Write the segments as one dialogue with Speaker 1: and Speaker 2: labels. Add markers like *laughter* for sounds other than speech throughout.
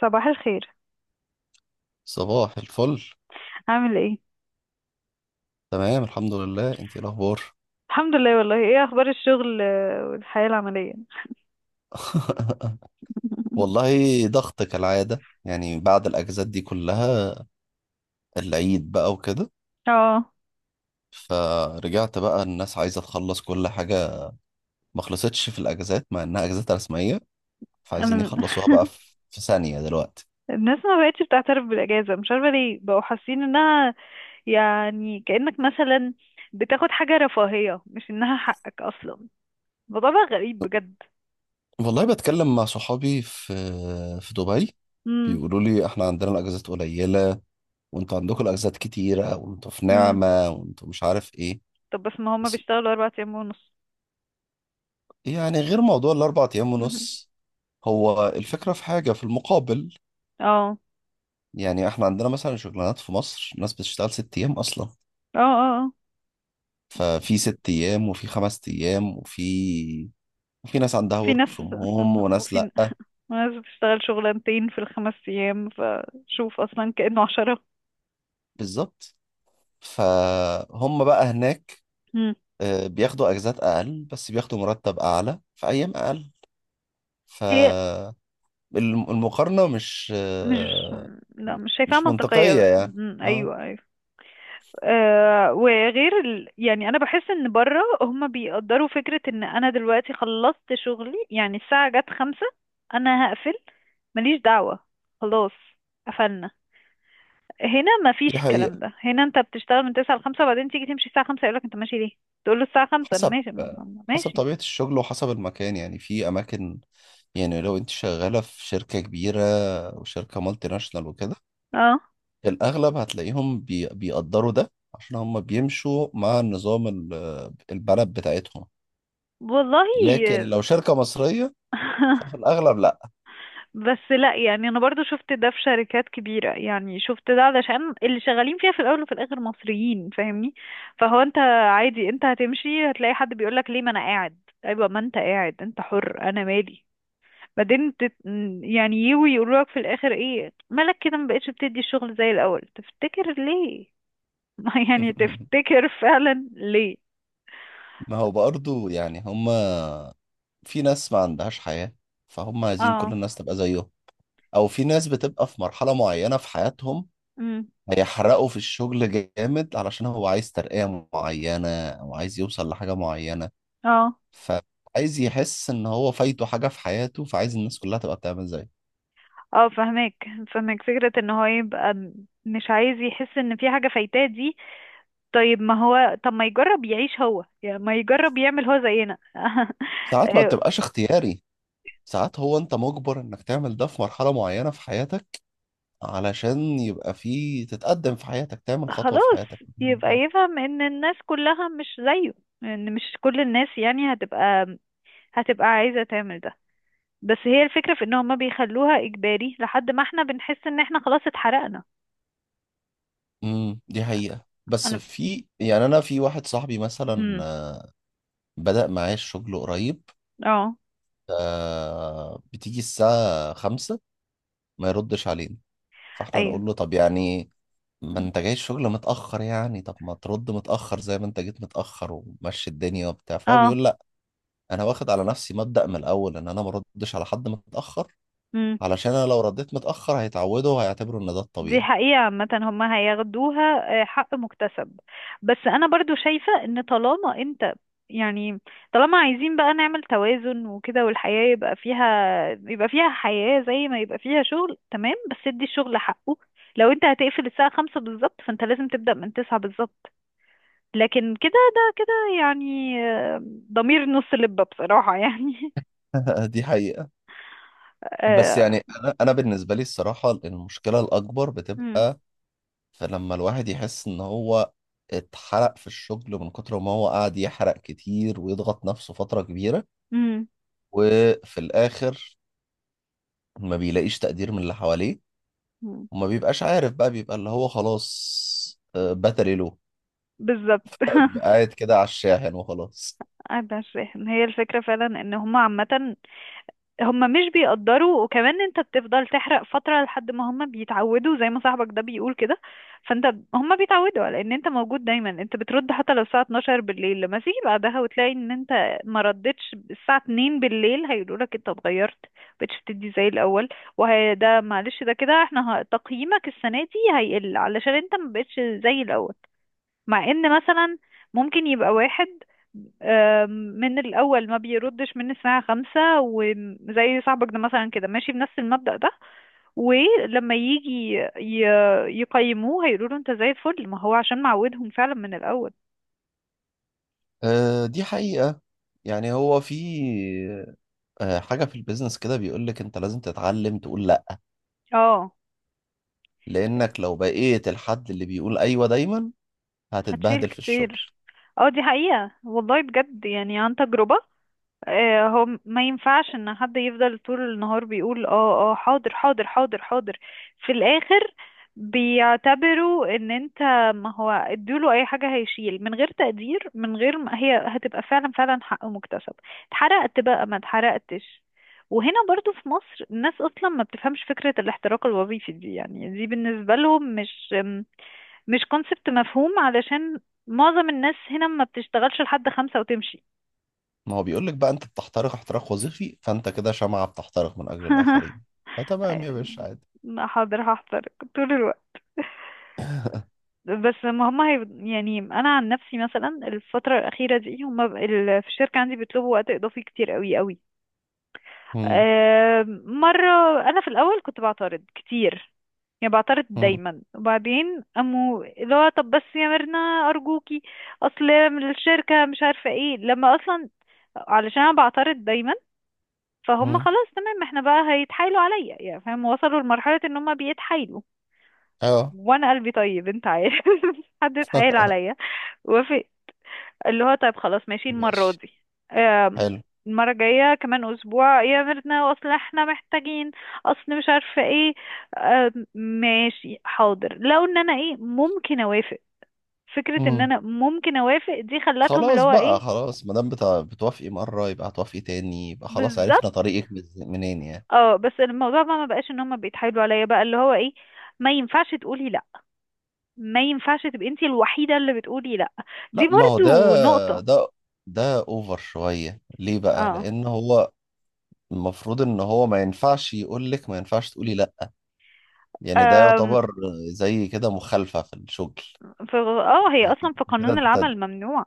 Speaker 1: صباح الخير.
Speaker 2: صباح الفل.
Speaker 1: عامل ايه؟
Speaker 2: تمام، الحمد لله. انتي ايه الاخبار؟
Speaker 1: الحمد لله، والله ايه اخبار الشغل، والحياة العملية.
Speaker 2: *laughs*
Speaker 1: *laughs*
Speaker 2: والله ضغط كالعادة يعني بعد الاجازات دي كلها، العيد بقى وكده.
Speaker 1: اه،
Speaker 2: فرجعت بقى الناس عايزة تخلص كل حاجة. ما خلصتش في الاجازات مع انها اجازات رسمية، فعايزين
Speaker 1: انا
Speaker 2: يخلصوها بقى في في ثانية دلوقتي.
Speaker 1: الناس ما بقتش بتعترف بالاجازة، مش عارفة ليه بقوا حاسين انها يعني كأنك مثلا بتاخد حاجة رفاهية، مش انها حقك اصلا. الموضوع بقى غريب بجد.
Speaker 2: والله بتكلم مع صحابي في في دبي.
Speaker 1: امم
Speaker 2: بيقولوا لي احنا عندنا الاجازات قليلة وانتوا عندكم الاجازات كتيرة وانتوا في
Speaker 1: امم
Speaker 2: نعمة وانتوا مش عارف ايه.
Speaker 1: طب بس ما هما بيشتغلوا اربع ايام ونص.
Speaker 2: يعني غير موضوع الأربع أيام
Speaker 1: *laughs*
Speaker 2: ونص هو الفكرة في حاجة في المقابل.
Speaker 1: اه
Speaker 2: يعني احنا عندنا مثلا شغلانات في مصر ناس بتشتغل 6 أيام أصلا.
Speaker 1: اه آه.
Speaker 2: ففي 6 أيام وفي 5 أيام وفي ناس عندها
Speaker 1: في
Speaker 2: ورك
Speaker 1: ناس.
Speaker 2: فروم هوم
Speaker 1: *laughs*
Speaker 2: وناس
Speaker 1: وفي
Speaker 2: لأ.
Speaker 1: ناس بتشتغل شغلانتين في الخمس ايام، فشوف اصلا كأنه عشرة.
Speaker 2: بالظبط، فهم بقى هناك
Speaker 1: مم.
Speaker 2: بياخدوا أجازات أقل بس بياخدوا مرتب أعلى في أيام أقل.
Speaker 1: هي
Speaker 2: فالمقارنة مش
Speaker 1: مش،
Speaker 2: آه،
Speaker 1: لا، مش شايفاها
Speaker 2: مش منطقية
Speaker 1: منطقية.
Speaker 2: يعني. اه،
Speaker 1: أيوة أيوة. آه، وغير يعني أنا بحس إن بره هما بيقدروا فكرة إن أنا دلوقتي خلصت شغلي، يعني الساعة جت خمسة، أنا هقفل، ماليش دعوة، خلاص قفلنا. هنا مفيش
Speaker 2: دي
Speaker 1: الكلام
Speaker 2: حقيقة.
Speaker 1: ده. هنا أنت بتشتغل من تسعة لخمسة، وبعدين تيجي تمشي الساعة خمسة يقولك أنت ماشي ليه؟ تقول له الساعة خمسة أنا
Speaker 2: حسب
Speaker 1: ماشي.
Speaker 2: حسب
Speaker 1: ماشي.
Speaker 2: طبيعة الشغل وحسب المكان، يعني في أماكن، يعني لو أنت شغالة في شركة كبيرة وشركة مالتي ناشونال وكده،
Speaker 1: اه،
Speaker 2: الأغلب هتلاقيهم بيقدروا ده عشان هم بيمشوا مع النظام البلد بتاعتهم.
Speaker 1: والله.
Speaker 2: لكن لو شركة مصرية، ففي
Speaker 1: *laughs*
Speaker 2: الأغلب لأ.
Speaker 1: بس لا، يعني انا برضو شفت ده في شركات كبيرة، يعني شفت ده علشان اللي شغالين فيها في الاول وفي الاخر مصريين، فاهمني؟ فهو عادي، انت هتمشي هتلاقي حد بيقولك ليه، ما انا قاعد. ايوه ما انت قاعد، انت حر، انا مالي. بعدين يعني يجوا يقولوا لك في الاخر ايه مالك كده، ما بقتش بتدي الشغل زي الاول، تفتكر ليه؟ *laughs* يعني
Speaker 2: *laughs*
Speaker 1: تفتكر فعلا ليه.
Speaker 2: ما هو برضه يعني في ناس ما عندهاش حياة، فهم عايزين كل
Speaker 1: اه.
Speaker 2: الناس تبقى زيهم. أو في ناس بتبقى في مرحلة معينة في حياتهم،
Speaker 1: امم
Speaker 2: هيحرقه في الشغل جامد علشان هو عايز ترقية معينة أو عايز يوصل لحاجة معينة.
Speaker 1: اه
Speaker 2: فعايز يحس إن هو فايته حاجة في حياته، فعايز الناس كلها تبقى بتعمل زيه.
Speaker 1: اه، فهمك فهمك. فكرة ان هو يبقى مش عايز يحس ان في حاجة فايتاه دي. طيب ما هو، طب ما يجرب يعيش هو، يعني ما يجرب يعمل هو زينا. *laughs*
Speaker 2: ساعات ما
Speaker 1: إيه،
Speaker 2: بتبقاش اختياري، ساعات هو أنت مجبر إنك تعمل ده في مرحلة معينة في حياتك، علشان يبقى في تتقدم في حياتك، تعمل خطوة في
Speaker 1: خلاص
Speaker 2: حياتك، تعمل
Speaker 1: يبقى
Speaker 2: حاجة.
Speaker 1: يفهم ان الناس كلها مش زيه، ان مش كل الناس يعني هتبقى، هتبقى عايزة تعمل ده. بس هي الفكرة في ان هما بيخلوها اجباري لحد ما احنا بنحس ان احنا خلاص اتحرقنا.
Speaker 2: امم، دي حقيقة. بس
Speaker 1: انا.
Speaker 2: في يعني أنا في واحد صاحبي مثلا،
Speaker 1: امم
Speaker 2: بدأ معايا الشغل قريب.
Speaker 1: اه،
Speaker 2: بتيجي الساعة 5 ما يردش علينا. فاحنا
Speaker 1: ايوه
Speaker 2: نقول له طب يعني ما انت جاي الشغل متأخر يعني طب ما ترد متأخر زي ما انت جيت متأخر ومشي الدنيا وبتاع. فهو
Speaker 1: اه،
Speaker 2: بيقول لا، انا واخد على نفسي مبدأ من الاول ان انا ما ردش على حد متأخر، علشان انا لو رديت متأخر هيتعودوا وهيعتبروا ان ده
Speaker 1: دي
Speaker 2: الطبيعي.
Speaker 1: حقيقة عامة هم هياخدوها. حق مكتسب. بس أنا برضو شايفة إن طالما أنت، يعني طالما عايزين بقى نعمل توازن وكده، والحياة يبقى فيها، يبقى فيها حياة زي ما يبقى فيها شغل، تمام. بس ادي الشغل حقه. لو أنت هتقفل الساعة خمسة بالظبط، فأنت لازم تبدأ من تسعة بالظبط. لكن كده، ده كده يعني، ضمير نص لبة بصراحة يعني.
Speaker 2: *laughs* دي حقيقة.
Speaker 1: *laughs*
Speaker 2: بس
Speaker 1: آه،
Speaker 2: يعني انا بالنسبة لي الصراحة المشكلة الاكبر
Speaker 1: مم،
Speaker 2: بتبقى، فلما الواحد يحس ان هو اتحرق في الشغل من كتر ما هو قاعد يحرق كتير ويضغط نفسه فترة كبيرة،
Speaker 1: مم،
Speaker 2: وفي الآخر ما بيلاقيش تقدير من اللي حواليه،
Speaker 1: مم.
Speaker 2: وما بيبقاش عارف بقى، بيبقى اللي هو خلاص بتري له،
Speaker 1: بالظبط.
Speaker 2: بيبقى
Speaker 1: *laughs*
Speaker 2: قاعد كده على الشاحن وخلاص.
Speaker 1: قاعدة مش فاهم. هي الفكرة فعلا ان هما عامة، هما مش بيقدروا. وكمان انت بتفضل تحرق فترة لحد ما هما بيتعودوا، زي ما صاحبك ده بيقول كده. فانت، هما بيتعودوا على ان انت موجود دايما، انت بترد حتى لو الساعة 12 بالليل، لما تيجي بعدها وتلاقي ان انت ما ردتش الساعة 2 بالليل، هيقولوا لك انت اتغيرت، مبقتش بتدي زي الاول. وده معلش ده كده، احنا تقييمك السنة دي هيقل علشان انت مبقتش زي الاول. مع ان مثلا ممكن يبقى واحد من الأول ما بيردش من الساعة خمسة، وزي صاحبك ده مثلا كده ماشي بنفس المبدأ ده. ولما يجي يقيموه هيقولوا له انت زي الفل، ما هو عشان معودهم فعلا من الأول.
Speaker 2: دي حقيقة. يعني هو في حاجة في البيزنس كده بيقولك انت لازم تتعلم تقول لا،
Speaker 1: اه،
Speaker 2: لانك لو بقيت الحد اللي بيقول ايوه دايما
Speaker 1: هتشيل
Speaker 2: هتتبهدل في الشغل.
Speaker 1: كتير. اه دي حقيقة والله، بجد يعني عن تجربة. هو ما ينفعش ان حد يفضل طول النهار بيقول اه اه حاضر حاضر حاضر حاضر. في الاخر بيعتبروا ان انت، ما هو اديله اي حاجة هيشيل من غير تقدير، من غير ما هي هتبقى فعلا فعلا حق مكتسب. اتحرقت بقى ما اتحرقتش. وهنا برضو في مصر الناس اصلا ما بتفهمش فكرة الاحتراق الوظيفي دي، يعني دي بالنسبة لهم مش، مش كونسبت مفهوم. علشان معظم الناس هنا ما بتشتغلش لحد خمسة وتمشي.
Speaker 2: ما هو بيقولك بقى انت بتحترق احتراق وظيفي، فانت كده شمعة بتحترق من اجل الاخرين،
Speaker 1: *laughs*
Speaker 2: فتمام يا باشا عادي.
Speaker 1: ما حاضر هحضر طول الوقت. بس ما هم هي، يعني انا عن نفسي مثلا الفتره الاخيره دي هم في الشركه عندي بيطلبوا وقت اضافي كتير قوي قوي.
Speaker 2: مم.
Speaker 1: مره انا في الاول كنت بعترض كتير، يعني بعترض
Speaker 2: مم.
Speaker 1: دايما. وبعدين امو اللي هو طب بس يا ميرنا ارجوكي، اصل من الشركه مش عارفه ايه، لما اصلا علشان انا بعترض دايما، فهم
Speaker 2: مم.
Speaker 1: خلاص تمام، احنا بقى هيتحايلوا عليا، يعني فاهم؟ وصلوا لمرحله ان هم بيتحايلوا
Speaker 2: اه.
Speaker 1: وانا قلبي طيب، انت عارف. *laughs* حد اتحايل عليا وافق، اللي هو طيب خلاص ماشي المرة
Speaker 2: ماشي.
Speaker 1: دي. آم،
Speaker 2: حلو.
Speaker 1: المرة الجاية كمان أسبوع يا ميرنا، أصل احنا محتاجين، أصل مش عارفة ايه. ماشي حاضر، لو ان أنا ايه ممكن أوافق. فكرة ان
Speaker 2: مم.
Speaker 1: أنا ممكن أوافق دي خلتهم اللي
Speaker 2: خلاص
Speaker 1: هو
Speaker 2: بقى،
Speaker 1: ايه،
Speaker 2: خلاص ما دام بتع- بتوافقي مرة يبقى هتوافقي تاني، يبقى خلاص
Speaker 1: بالظبط.
Speaker 2: عرفنا طريقك من- منين يعني.
Speaker 1: اه، بس الموضوع بقى ما بقاش ان هما بيتحايلوا عليا، بقى اللي هو ايه، ما ينفعش تقولي لا، ما ينفعش تبقي انتي الوحيدة اللي بتقولي لا. دي
Speaker 2: لا، ما هو
Speaker 1: برضو نقطة.
Speaker 2: ده ده اوفر شوية، ليه بقى؟
Speaker 1: اه.
Speaker 2: لان هو المفروض ان هو ما ينفعش يقول لك ما ينفعش تقولي لا، يعني ده
Speaker 1: أم،
Speaker 2: يعتبر زي كده مخالفة في الشغل.
Speaker 1: في اه، هي اصلا
Speaker 2: انت
Speaker 1: في
Speaker 2: كده
Speaker 1: قانون
Speaker 2: انت
Speaker 1: العمل ممنوع.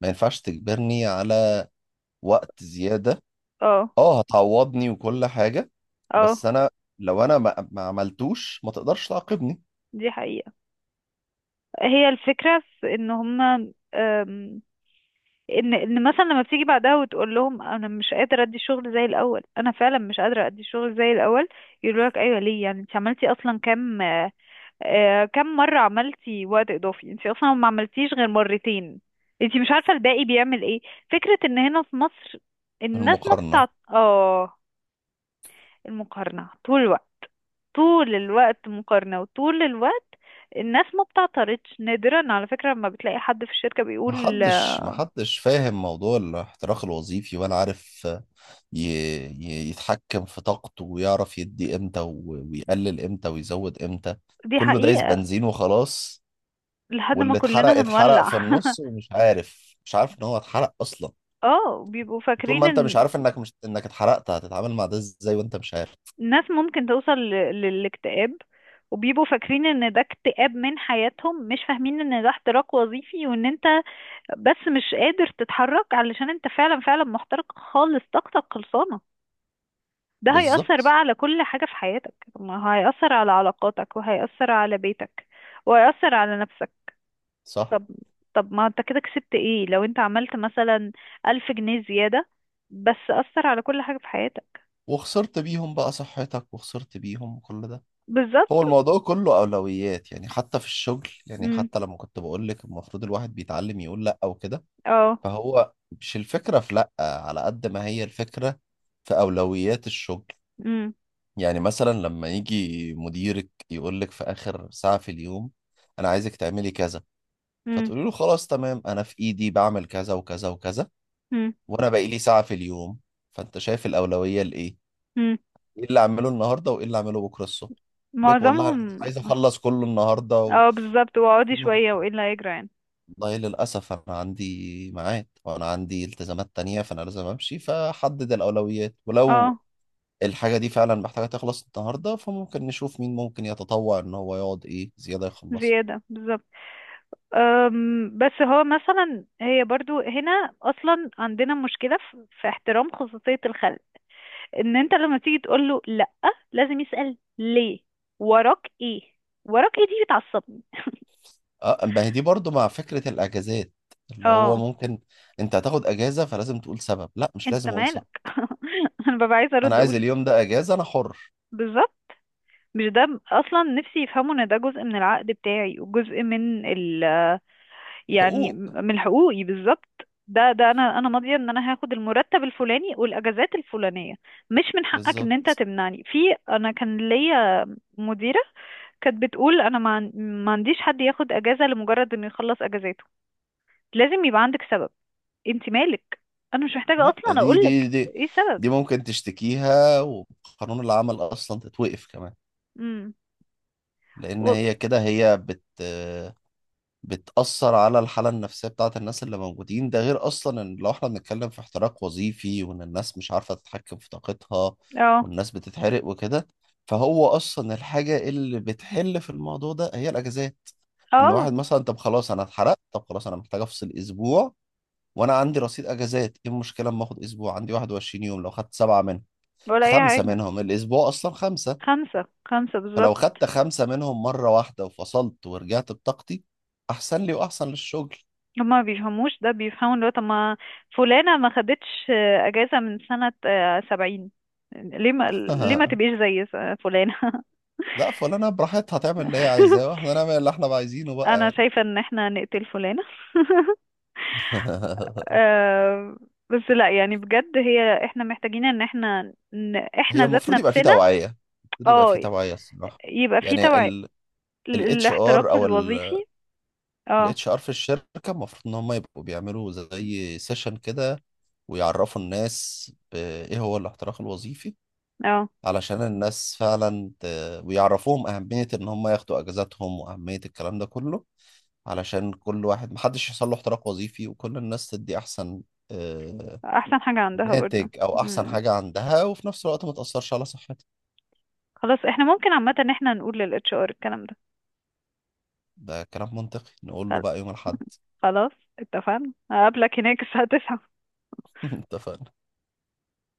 Speaker 2: ما ينفعش تجبرني على وقت زيادة.
Speaker 1: اه،
Speaker 2: اه، هتعوضني وكل حاجة،
Speaker 1: اه،
Speaker 2: بس انا لو انا ما عملتوش ما تقدرش تعاقبني.
Speaker 1: دي حقيقة. هي الفكرة في ان هما أم، ان ان مثلا لما بتيجي بعدها وتقول لهم انا مش قادرة ادي الشغل زي الاول، انا فعلا مش قادرة ادي الشغل زي الاول، يقولوا لك ايوه ليه، يعني انت عملتي اصلا كام؟ كام مرة عملتي وقت اضافي؟ انت اصلا ما عملتيش غير مرتين. انت مش عارفة الباقي بيعمل ايه. فكرة ان هنا في مصر، الناس ما
Speaker 2: بالمقارنة،
Speaker 1: بتاعت اه، المقارنة طول الوقت، طول الوقت مقارنة، وطول الوقت الناس ما بتعترضش. نادرا على فكرة ما بتلاقي حد في الشركة بيقول.
Speaker 2: محدش فاهم موضوع الاحتراق الوظيفي ولا عارف ي- يتحكم في طاقته ويعرف يدي امتى ويقلل امتى ويزود امتى.
Speaker 1: دي
Speaker 2: كله دايس
Speaker 1: حقيقة.
Speaker 2: بنزين وخلاص.
Speaker 1: لحد ما
Speaker 2: واللي اتحرق
Speaker 1: كلنا
Speaker 2: اتحرق
Speaker 1: هنولع.
Speaker 2: في النص،
Speaker 1: *laughs*
Speaker 2: ومش عارف مش عارف ان هو اتحرق اصلا.
Speaker 1: اه، بيبقوا
Speaker 2: وطول
Speaker 1: فاكرين
Speaker 2: ما انت مش
Speaker 1: ان
Speaker 2: عارف انك مش انك اتحرقت، هتتعامل مع ده ازاي وانت مش عارف؟
Speaker 1: الناس ممكن توصل للاكتئاب، وبيبقوا فاكرين ان ده اكتئاب من حياتهم، مش فاهمين ان ده احتراق وظيفي، وان انت بس مش قادر تتحرك علشان انت فعلا فعلا محترق خالص، طاقتك خلصانة. ده هيأثر بقى
Speaker 2: بالظبط.
Speaker 1: على كل حاجة في حياتك. ما هيأثر على علاقاتك، وهيأثر على بيتك، وهيأثر على نفسك.
Speaker 2: صح.
Speaker 1: طب، طب ما انت كده كسبت ايه لو انت عملت مثلا ألف جنيه زيادة، بس أثر على كل حاجة في حياتك.
Speaker 2: وخسرت بيهم بقى صحتك وخسرت بيهم كل ده. هو
Speaker 1: بالظبط.
Speaker 2: الموضوع كله أولويات يعني، حتى في الشغل يعني،
Speaker 1: امم
Speaker 2: حتى لما كنت بقول لك المفروض الواحد بيتعلم يقول لأ وكده.
Speaker 1: اه.
Speaker 2: فهو مش الفكرة في لأ على قد ما هي الفكرة في أولويات الشغل.
Speaker 1: امم
Speaker 2: يعني مثلا لما يجي مديرك يقول لك في آخر ساعة في اليوم أنا عايزك تعملي كذا،
Speaker 1: امم
Speaker 2: فتقولي له خلاص تمام أنا في إيدي بعمل كذا وكذا وكذا،
Speaker 1: امم
Speaker 2: وأنا باقي لي ساعة في اليوم، فأنت شايف الأولوية لإيه؟
Speaker 1: امم
Speaker 2: إيه اللي أعمله النهاردة وإيه اللي أعمله بكرة الصبح؟ يقول لك والله أنا مش
Speaker 1: معظمهم.
Speaker 2: عايز أخلص كله النهاردة.
Speaker 1: اه بالظبط، واقعدي
Speaker 2: و...
Speaker 1: شوية وايه اللي هيجرى يعني.
Speaker 2: والله للأسف أنا عندي ميعاد وأنا عندي التزامات تانية فأنا لازم أمشي، فحدد الأولويات. ولو
Speaker 1: اه،
Speaker 2: الحاجة دي فعلا محتاجة تخلص النهاردة، فممكن نشوف مين ممكن يتطوع إن هو يقعد إيه زيادة يخلصها.
Speaker 1: زيادة بالظبط. بس هو مثلا هي برضو هنا اصلا عندنا مشكله في في احترام خصوصيه الخلق. ان انت لما تيجي تقول له لا، لازم يسال ليه، وراك ايه. وراك ايه دي بتعصبني.
Speaker 2: أه، ما هي دي برضو مع فكرة الأجازات، اللي هو
Speaker 1: اه،
Speaker 2: ممكن أنت هتاخد أجازة فلازم تقول سبب. لا، مش
Speaker 1: انت
Speaker 2: لازم أقول سبب.
Speaker 1: مالك. *laughs* انا ببقى عايزه
Speaker 2: أنا
Speaker 1: ارد
Speaker 2: عايز
Speaker 1: اقول
Speaker 2: اليوم ده أجازة، أنا حر.
Speaker 1: بالظبط، مش ده اصلا نفسي يفهموا ان ده جزء من العقد بتاعي، وجزء من ال، يعني
Speaker 2: حقوق،
Speaker 1: من حقوقي بالظبط. ده ده انا انا ماضيه ان انا هاخد المرتب الفلاني والاجازات الفلانيه. مش من حقك ان انت
Speaker 2: بالظبط.
Speaker 1: تمنعني في. انا كان ليا مديره كانت بتقول انا ما عنديش حد ياخد اجازه لمجرد انه يخلص اجازاته، لازم يبقى عندك سبب. انت مالك، انا مش محتاجه
Speaker 2: لا،
Speaker 1: اصلا
Speaker 2: دي
Speaker 1: اقول لك
Speaker 2: دي دي
Speaker 1: ايه السبب.
Speaker 2: دي ممكن تشتكيها وقانون العمل أصلا تتوقف كمان،
Speaker 1: امم
Speaker 2: لان
Speaker 1: و...
Speaker 2: هي كده هي بتأثر على الحالة النفسية بتاعت الناس اللي موجودين. ده غير أصلا إن لو إحنا بنتكلم في احتراق وظيفي وإن الناس مش عارفة تتحكم في طاقتها
Speaker 1: اه.
Speaker 2: والناس بتتحرق وكده، فهو أصلا الحاجة اللي بتحل في الموضوع ده هي الأجازات. إن
Speaker 1: اه،
Speaker 2: واحد مثلا طب خلاص أنا اتحرقت، طب خلاص أنا محتاج أفصل أسبوع، وأنا عندي رصيد أجازات. إيه المشكلة أما آخد أسبوع؟ عندي 21 يوم، لو خدت 7 منهم،
Speaker 1: ولا اي
Speaker 2: خمسة
Speaker 1: حاجه.
Speaker 2: منهم الأسبوع أصلا 5.
Speaker 1: خمسه خمسه بالظبط.
Speaker 2: فلو خدت 5 منهم مرة واحدة وفصلت ورجعت بطاقتي، أحسن لي وأحسن للشغل.
Speaker 1: هما ما بيفهموش ده، بيفهموا اللي هو طب ما فلانة ما خدتش أجازة من سنة سبعين، ليه ما، ليه ما
Speaker 2: *laughs*
Speaker 1: تبقيش زي فلانة.
Speaker 2: لا، فلانة براحتها تعمل اللي هي عايزاه
Speaker 1: *laughs*
Speaker 2: واحنا نعمل اللي احنا بقى عايزينه بقى
Speaker 1: أنا
Speaker 2: يعني.
Speaker 1: شايفة إن احنا نقتل فلانة. *laughs* آه، بس لا يعني بجد، هي احنا محتاجين ان احنا، إن
Speaker 2: *laughs* هي
Speaker 1: احنا ذات
Speaker 2: المفروض يبقى في
Speaker 1: نفسنا.
Speaker 2: توعية، المفروض يبقى في
Speaker 1: اه،
Speaker 2: توعية الصراحة.
Speaker 1: يبقى في
Speaker 2: يعني
Speaker 1: توعية.
Speaker 2: الاتش ار
Speaker 1: الاحتراق
Speaker 2: او
Speaker 1: الوظيفي. اه.
Speaker 2: الاتش ار في الشركة المفروض ان هم يبقوا بيعملوا زي سيشن كده ويعرفوا الناس ايه هو الاحتراق الوظيفي،
Speaker 1: اه،
Speaker 2: علشان الناس فعلا ويعرفوهم أهمية إن هم ياخدوا أجازاتهم وأهمية الكلام ده كله، علشان كل واحد محدش يحصل له احتراق وظيفي وكل الناس تدي أحسن آه،
Speaker 1: احسن حاجة عندها برضو.
Speaker 2: ناتج أو أحسن
Speaker 1: مم.
Speaker 2: حاجة عندها وفي نفس الوقت ما تأثرش على صحتها.
Speaker 1: خلاص احنا ممكن عامة ان احنا نقول للاتش ار الكلام
Speaker 2: ده كلام منطقي. نقول له
Speaker 1: ده.
Speaker 2: بقى يوم الأحد.
Speaker 1: خلاص اتفقنا، هقابلك هناك الساعة 9.
Speaker 2: *laughs* اتفقنا.